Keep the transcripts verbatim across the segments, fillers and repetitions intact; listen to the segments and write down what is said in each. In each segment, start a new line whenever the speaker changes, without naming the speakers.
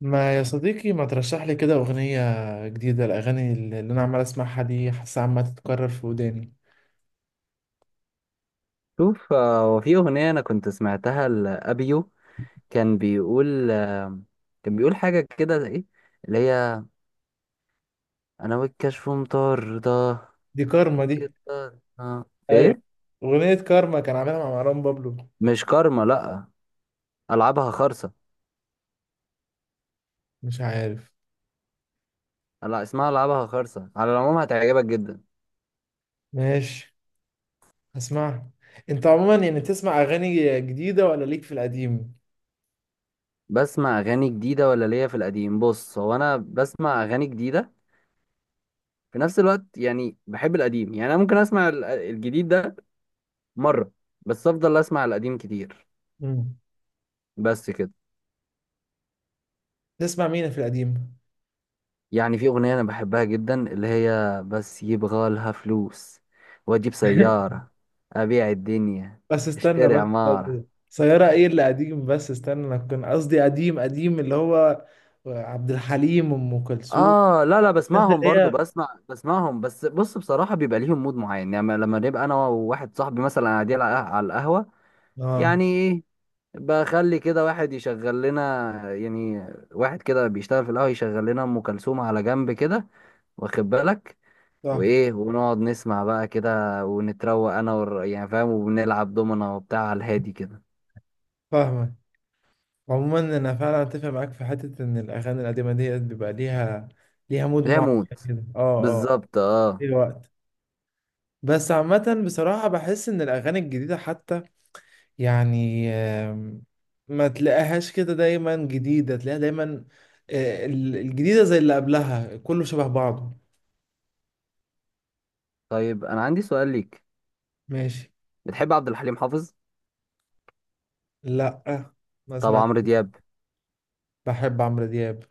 ما يا صديقي، ما ترشح لي كده أغنية جديدة؟ الأغاني اللي اللي أنا عمال أسمعها دي حاسة عمالة تتكرر في وداني.
شوف آه، هو في أغنية أنا كنت سمعتها لأبيو كان بيقول آه، كان بيقول حاجة كده إيه اللي هي أنا والكشف مطاردة
دي كارما دي.
فك الطاردة.
أيوة،
إيه؟
أغنية كارما كان عاملها مع مروان بابلو.
مش كارما، لأ، ألعابها خرصة.
مش عارف.
لا، اسمها ألعابها خرصة، على العموم هتعجبك جدا.
ماشي، هسمعها. أنت عموما يعني تسمع أغاني جديدة ولا ليك في القديم؟
بسمع أغاني جديدة ولا ليا في القديم؟ بص، هو أنا بسمع أغاني جديدة في نفس الوقت، يعني بحب القديم، يعني أنا ممكن أسمع ال- الجديد ده مرة، بس أفضل أسمع القديم كتير.
مم.
بس كده.
تسمع مين في القديم؟
يعني في أغنية أنا بحبها جدا اللي هي بس يبغى لها فلوس وأجيب سيارة، أبيع الدنيا،
بس استنى،
أشتري
بس
عمارة.
سيارة ايه اللي قديم؟ بس استنى، انا كان قصدي قديم قديم، اللي هو عبد الحليم، ام كلثوم.
آه لا لا،
الناس اللي
بسمعهم برضو،
هي.
بسمع بسمعهم بس بص، بصراحة بيبقى ليهم مود معين، يعني لما نبقى أنا وواحد صاحبي مثلا قاعدين على على القهوة،
اه.
يعني إيه، بخلي كده واحد يشغل لنا، يعني واحد كده بيشتغل في القهوة يشغل لنا أم كلثوم على جنب كده، واخد بالك،
صح.
وايه، ونقعد نسمع بقى كده ونتروق انا والر... يعني فاهم، وبنلعب دومنا وبتاع على الهادي كده.
فاهمك. عموما انا فعلا اتفق معاك في حته ان الاغاني القديمه ديت بيبقى ليها ليها مود
لا
معين
موت.
كده. اه اه آه.
بالظبط اه.
ليه وقت. بس عامه بصراحه بحس ان الاغاني الجديده حتى يعني آم، ما تلاقيهاش كده دايما جديده، تلاقيها دايما آه، ال- الجديده زي اللي قبلها، كله شبه بعضه.
طيب انا عندي سؤال ليك،
ماشي.
بتحب عبد الحليم حافظ؟
لا، ما
طب
سمعت.
عمرو دياب؟
بحب عمرو دياب.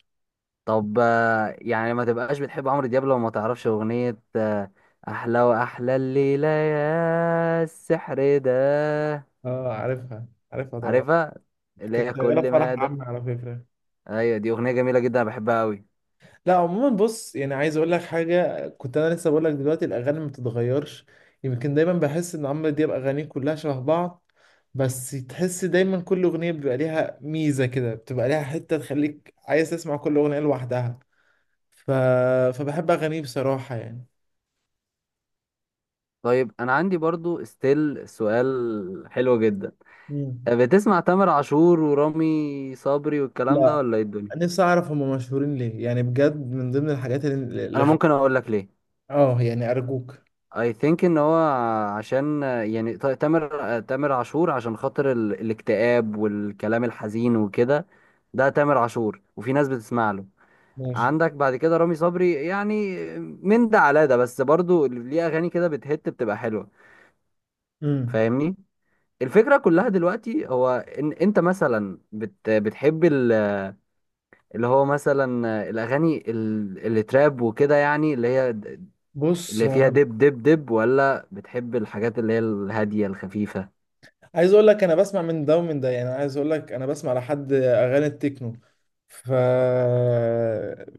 طب آه، يعني ما تبقاش بتحب عمرو دياب لو ما تعرفش اغنية آه، احلى واحلى الليلة يا السحر ده.
اه عارفها، عارفها طبعا.
عارفها؟ اللي
كانت
هي
شغاله في
كل ما
فرح
ده.
عمي على فكره.
ايوه دي اغنية جميلة جدا، أنا بحبها قوي.
لا عموما بص، يعني عايز اقول لك حاجه، كنت انا لسه بقول لك دلوقتي الاغاني ما بتتغيرش. يمكن دايما بحس ان عمرو دياب اغانيه كلها شبه بعض، بس تحس دايما كل اغنيه بيبقى ليها ميزه كده، بتبقى ليها حته تخليك عايز تسمع كل اغنيه لوحدها. ف... فبحب اغانيه بصراحه يعني.
طيب انا عندي برضو ستيل سؤال حلو جدا،
مم.
بتسمع تامر عاشور ورامي صبري والكلام ده
لا،
ولا ايه الدنيا؟
نفسي اعرف هم مشهورين ليه يعني بجد، من ضمن الحاجات اللي
انا
اللي-
ممكن اقول لك ليه.
اه يعني ارجوك.
I think ان هو، عشان يعني ت- تامر تامر عاشور عشان خاطر ال... الاكتئاب والكلام الحزين وكده، ده تامر عاشور وفي ناس بتسمع له.
ماشي.
عندك بعد كده رامي صبري، يعني من ده على ده، بس برضو ليه اغاني كده بتهت بتبقى حلوة.
مم.
فاهمني؟ الفكرة كلها دلوقتي هو ان انت مثلا بت... بتحب ال... اللي هو مثلا الاغاني ال- اللي تراب وكده، يعني اللي هي د-
بص
اللي
هو
فيها
انا
دب دب دب، ولا بتحب الحاجات اللي هي الهاديه الخفيفه؟
عايز اقول لك، انا بسمع من ده ومن ده، يعني عايز اقول لك انا بسمع لحد اغاني التكنو. ف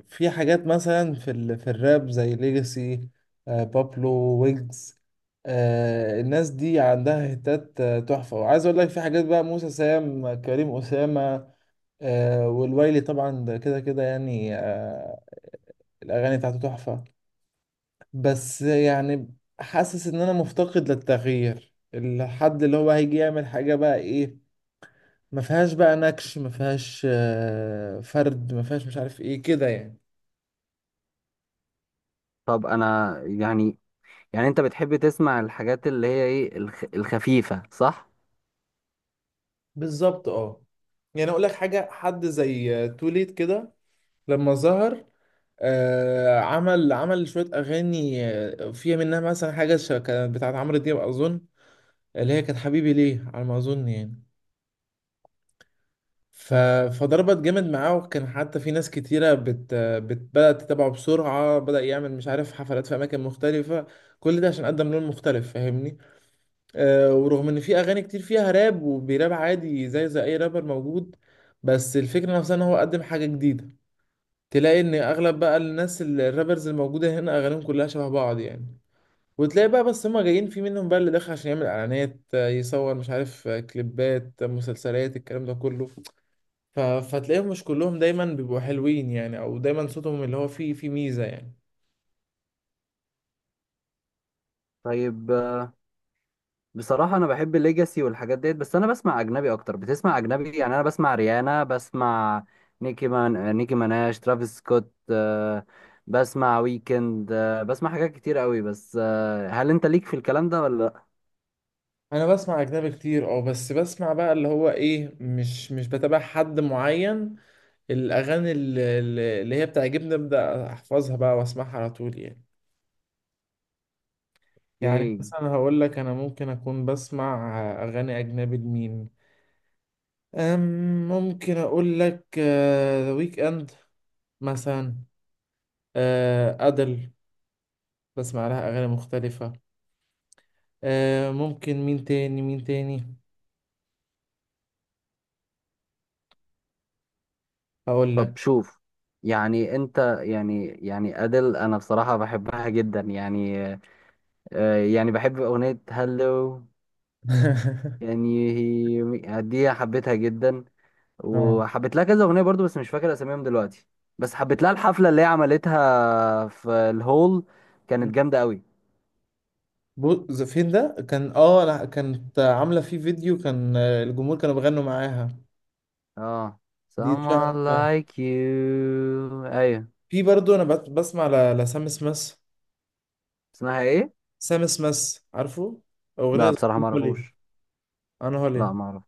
في حاجات مثلا في ال... في الراب زي ليجاسي، آه بابلو، ويجز. آه الناس دي عندها هتات آه، تحفة. وعايز اقول لك في حاجات بقى، موسى، سام كريم، أسامة، آه والويلي طبعا، ده كده كده يعني آه الاغاني بتاعته تحفة. بس يعني حاسس ان انا مفتقد للتغيير، الحد اللي هو هيجي يعمل حاجة بقى ايه. ما فيهاش بقى نكش، ما فيهاش آه، فرد، ما فيهاش مش عارف ايه كده يعني.
طب انا يعني، يعني انت بتحب تسمع الحاجات اللي هي ايه الخ- الخفيفه، صح؟
بالظبط اه. يعني اقول لك حاجه، حد زي توليت كده لما ظهر، آه عمل عمل شويه اغاني آه، فيها منها مثلا حاجه ش- كانت بتاعت عمرو دياب اظن، اللي هي كانت حبيبي ليه على ما اظن يعني. ف... فضربت جامد معاه، وكان حتى في ناس كتيره بت... بت... بدات تتابعه بسرعه. بدأ يعمل مش عارف حفلات في اماكن مختلفه، كل ده عشان قدم لون مختلف، فاهمني. آه، ورغم ان في اغاني كتير فيها راب وبيراب عادي زي زي اي رابر موجود، بس الفكره نفسها ان هو قدم حاجه جديده. تلاقي ان اغلب بقى الناس ال- الرابرز الموجوده هنا اغانيهم كلها شبه بعض يعني. وتلاقي بقى بس هما جايين، في منهم بقى اللي داخل عشان يعمل اعلانات، آه، يصور مش عارف آه، كليبات، آه، مسلسلات، الكلام ده كله. ف... فتلاقيهم مش كلهم دايما بيبقوا حلوين يعني، او دايما صوتهم اللي هو فيه فيه ميزه يعني.
طيب آه، بصراحه انا بحب الليجاسي والحاجات ديت، بس انا بسمع اجنبي اكتر. بتسمع اجنبي؟ يعني انا بسمع ريانا، بسمع نيكي مان نيكي ماناش، ترافيس سكوت، آه، بسمع ويكند، آه، بسمع حاجات كتير قوي بس. آه، هل انت ليك في الكلام ده ولا؟
انا بسمع اجنبي كتير اه، بس بسمع بقى اللي هو ايه، مش مش بتابع حد معين. الأغاني ال- ال- اللي هي بتعجبني أبدأ أحفظها بقى وأسمعها على طول يعني. يعني
اوكي.
مثلا هقول لك، أنا ممكن أكون بسمع أغاني أجنبي لمين؟ أم، ممكن أقول لك ذا ويك إند مثلا، آه، أدل، بسمع لها أغاني مختلفة. آه، ممكن مين تاني؟ مين تاني هقول
طب
لك.
شوف، يعني انت يعني يعني ادل انا بصراحة بحبها جدا، يعني آه، يعني بحب اغنية هلو. يعني هي دي حبيتها جدا
اه
وحبيت لها كذا اغنية برضو، بس مش فاكر اساميهم دلوقتي. بس حبيت لها الحفلة اللي هي عملتها في الهول، كانت جامدة قوي.
بص، فين ده؟ كان اه لا، كانت عاملة فيه فيديو كان آه، الجمهور كانوا بيغنوا معاها.
اه،
دي
someone
اتشهرت.
like you، ايوه.
في برضه انا بس- بسمع ل- لسام سميث.
اسمها ايه؟
سام سميث، عارفه؟ اغنيه
لا بصراحة
زي
ما
هولي.
اعرفوش.
انا
لا
هولي
ما اعرف.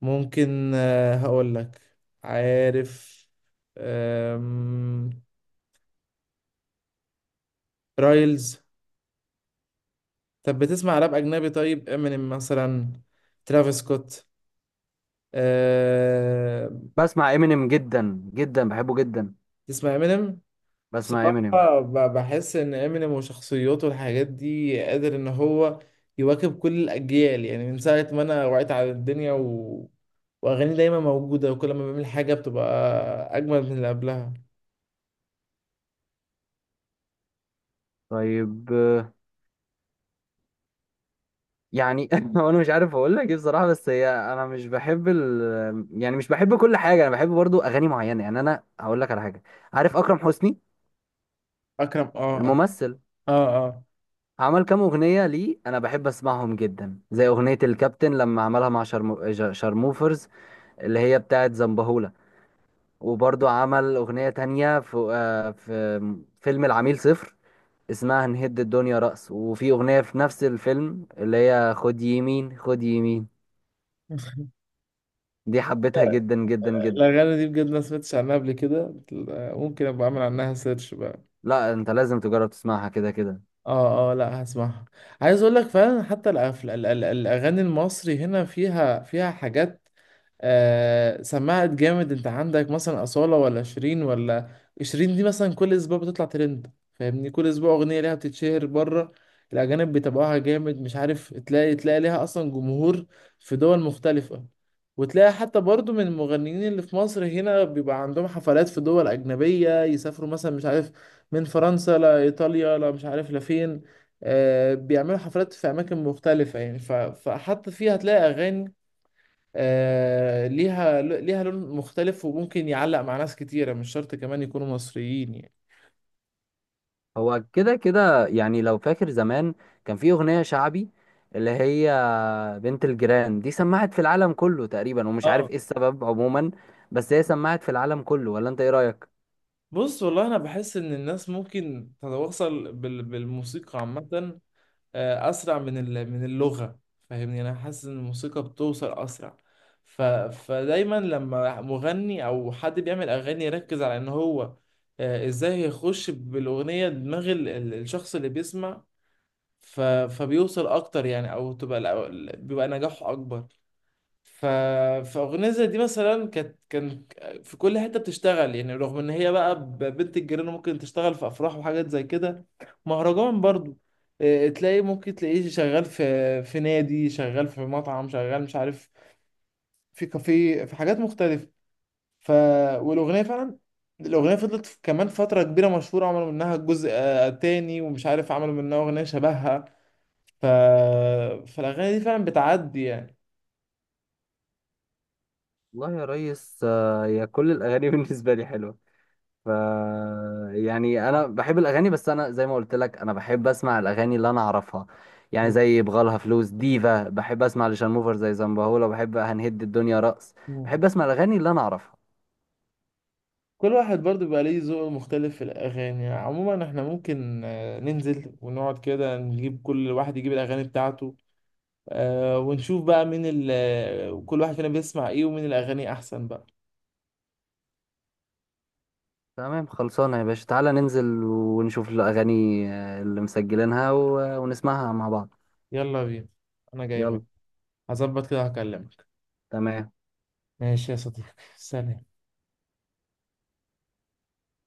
ممكن آه، هقول لك. عارف، آم، رايلز. طب بتسمع راب اجنبي؟ طيب امينيم مثلا؟ ترافيس سكوت؟ أه...
بسمع امينيم جدا جدا، بحبه جدا.
تسمع امينيم.
بسمع امينيم.
بصراحة ب- بحس إن إمينيم وشخصيته والحاجات دي قادر إن هو يواكب كل الأجيال يعني. من ساعة ما أنا وعيت على الدنيا و... وأغاني دايما موجودة، وكل ما بيعمل حاجة بتبقى أجمل من اللي قبلها.
طيب آه، يعني هو انا مش عارف اقول لك ايه بصراحه، بس هي انا مش بحب ال... يعني مش بحب كل حاجه، انا بحب برضو اغاني معينه. يعني انا هقول لك على حاجه، عارف اكرم حسني؟
أكرم، أه أك-
الممثل،
أه أه.
عمل كام اغنيه ليه انا بحب اسمعهم جدا، زي اغنيه الكابتن لما عملها مع شرمو... ج- شرموفرز، اللي هي بتاعه زنبهولة. وبرضو عمل اغنيه تانية في آه، في فيلم العميل صفر اسمها نهد الدنيا رأس، وفي اغنيه في نفس الفيلم اللي هي خد يمين خد يمين. دي حبيتها جدا جدا جدا.
الأغاني دي بجد ما سمعتش عنها قبل كده. بتل- ممكن أبقى أعمل عنها سيرش بقى.
لا انت لازم تجرب تسمعها كده كده.
أه أه، لأ هسمعها. عايز أقول لك فعلا حتى الأف- ال- ال- الأغاني المصري هنا فيها فيها حاجات آه سمعت جامد. انت عندك مثلا أصالة، ولا شيرين، ولا شيرين دي مثلا، كل اسبوع بتطلع ترند، فاهمني؟ كل اسبوع أغنية ليها بتتشهر بره. الأجانب بيتابعوها جامد، مش عارف، تلاقي تلاقي ليها أصلا جمهور في دول مختلفة. وتلاقي حتى برضو من المغنيين اللي في مصر هنا بيبقى عندهم حفلات في دول أجنبية، يسافروا مثلا مش عارف من فرنسا لإيطاليا، لا مش عارف لفين، آه بيعملوا حفلات في أماكن مختلفة يعني. ف... فحتى فيها هتلاقي أغاني آه، ليها ليها لون مختلف، وممكن يعلق مع ناس كتيرة، مش شرط كمان يكونوا مصريين يعني.
هو كده كده، يعني لو فاكر زمان كان في اغنية شعبي اللي هي بنت الجيران، دي سمعت في العالم كله تقريبا ومش عارف
اه
ايه السبب عموما، بس هي سمعت في العالم كله، ولا انت ايه رأيك؟
بص والله، أنا بحس إن الناس ممكن تتواصل بال- بالموسيقى عامة آه، أسرع من ال- من اللغة. فاهمني؟ أنا حاسس إن الموسيقى بتوصل أسرع. ف فدايما لما مغني أو حد بيعمل أغاني يركز على إن هو آه، إزاي يخش بالأغنية دماغ ال- ال- الشخص اللي بيسمع. ف فبيوصل أكتر يعني، أو تبقى الأو- بيبقى نجاحه أكبر. ف... فأغنية زي دي مثلا كانت كان في كل حتة بتشتغل يعني، رغم إن هي بقى ب- بنت الجيران، ممكن تشتغل في أفراح وحاجات زي كده، مهرجان برضو. إيه، تلاقي ممكن تلاقيه شغال في في نادي، شغال في مطعم، شغال مش عارف في كافيه، في حاجات مختلفة. ف والأغنية فعلا، الأغنية فضلت في- كمان فترة كبيرة مشهورة، عملوا منها جزء آه، تاني، ومش عارف عملوا منها أغنية شبهها. ف... فالأغاني دي فعلا بتعدي
والله يا ريس آه، يا كل الاغاني بالنسبة لي حلوة. ف يعني انا بحب الاغاني، بس انا زي ما قلت لك انا بحب اسمع الاغاني اللي انا اعرفها، يعني
يعني.
زي بغالها فلوس ديفا، بحب اسمع لشانموفر زي زنبهولة، بحب هنهد الدنيا رقص، بحب اسمع الاغاني اللي انا اعرفها.
كل واحد برضو بيبقى ليه ذوق مختلف في الأغاني عموما. احنا ممكن آه، ننزل ونقعد كده نجيب، كل واحد يجيب الأغاني بتاعته، آه، ونشوف بقى مين ال آه، كل واحد فينا بيسمع ايه، ومين الأغاني أحسن بقى.
تمام خلصانه يا باشا، تعالى ننزل ونشوف الاغاني آه، اللي مسجلينها و... ونسمعها مع بعض.
يلا بينا، أنا جاي منك.
يلا.
هظبط كده هكلمك.
تمام.
ماشي يا صديقي، سلام.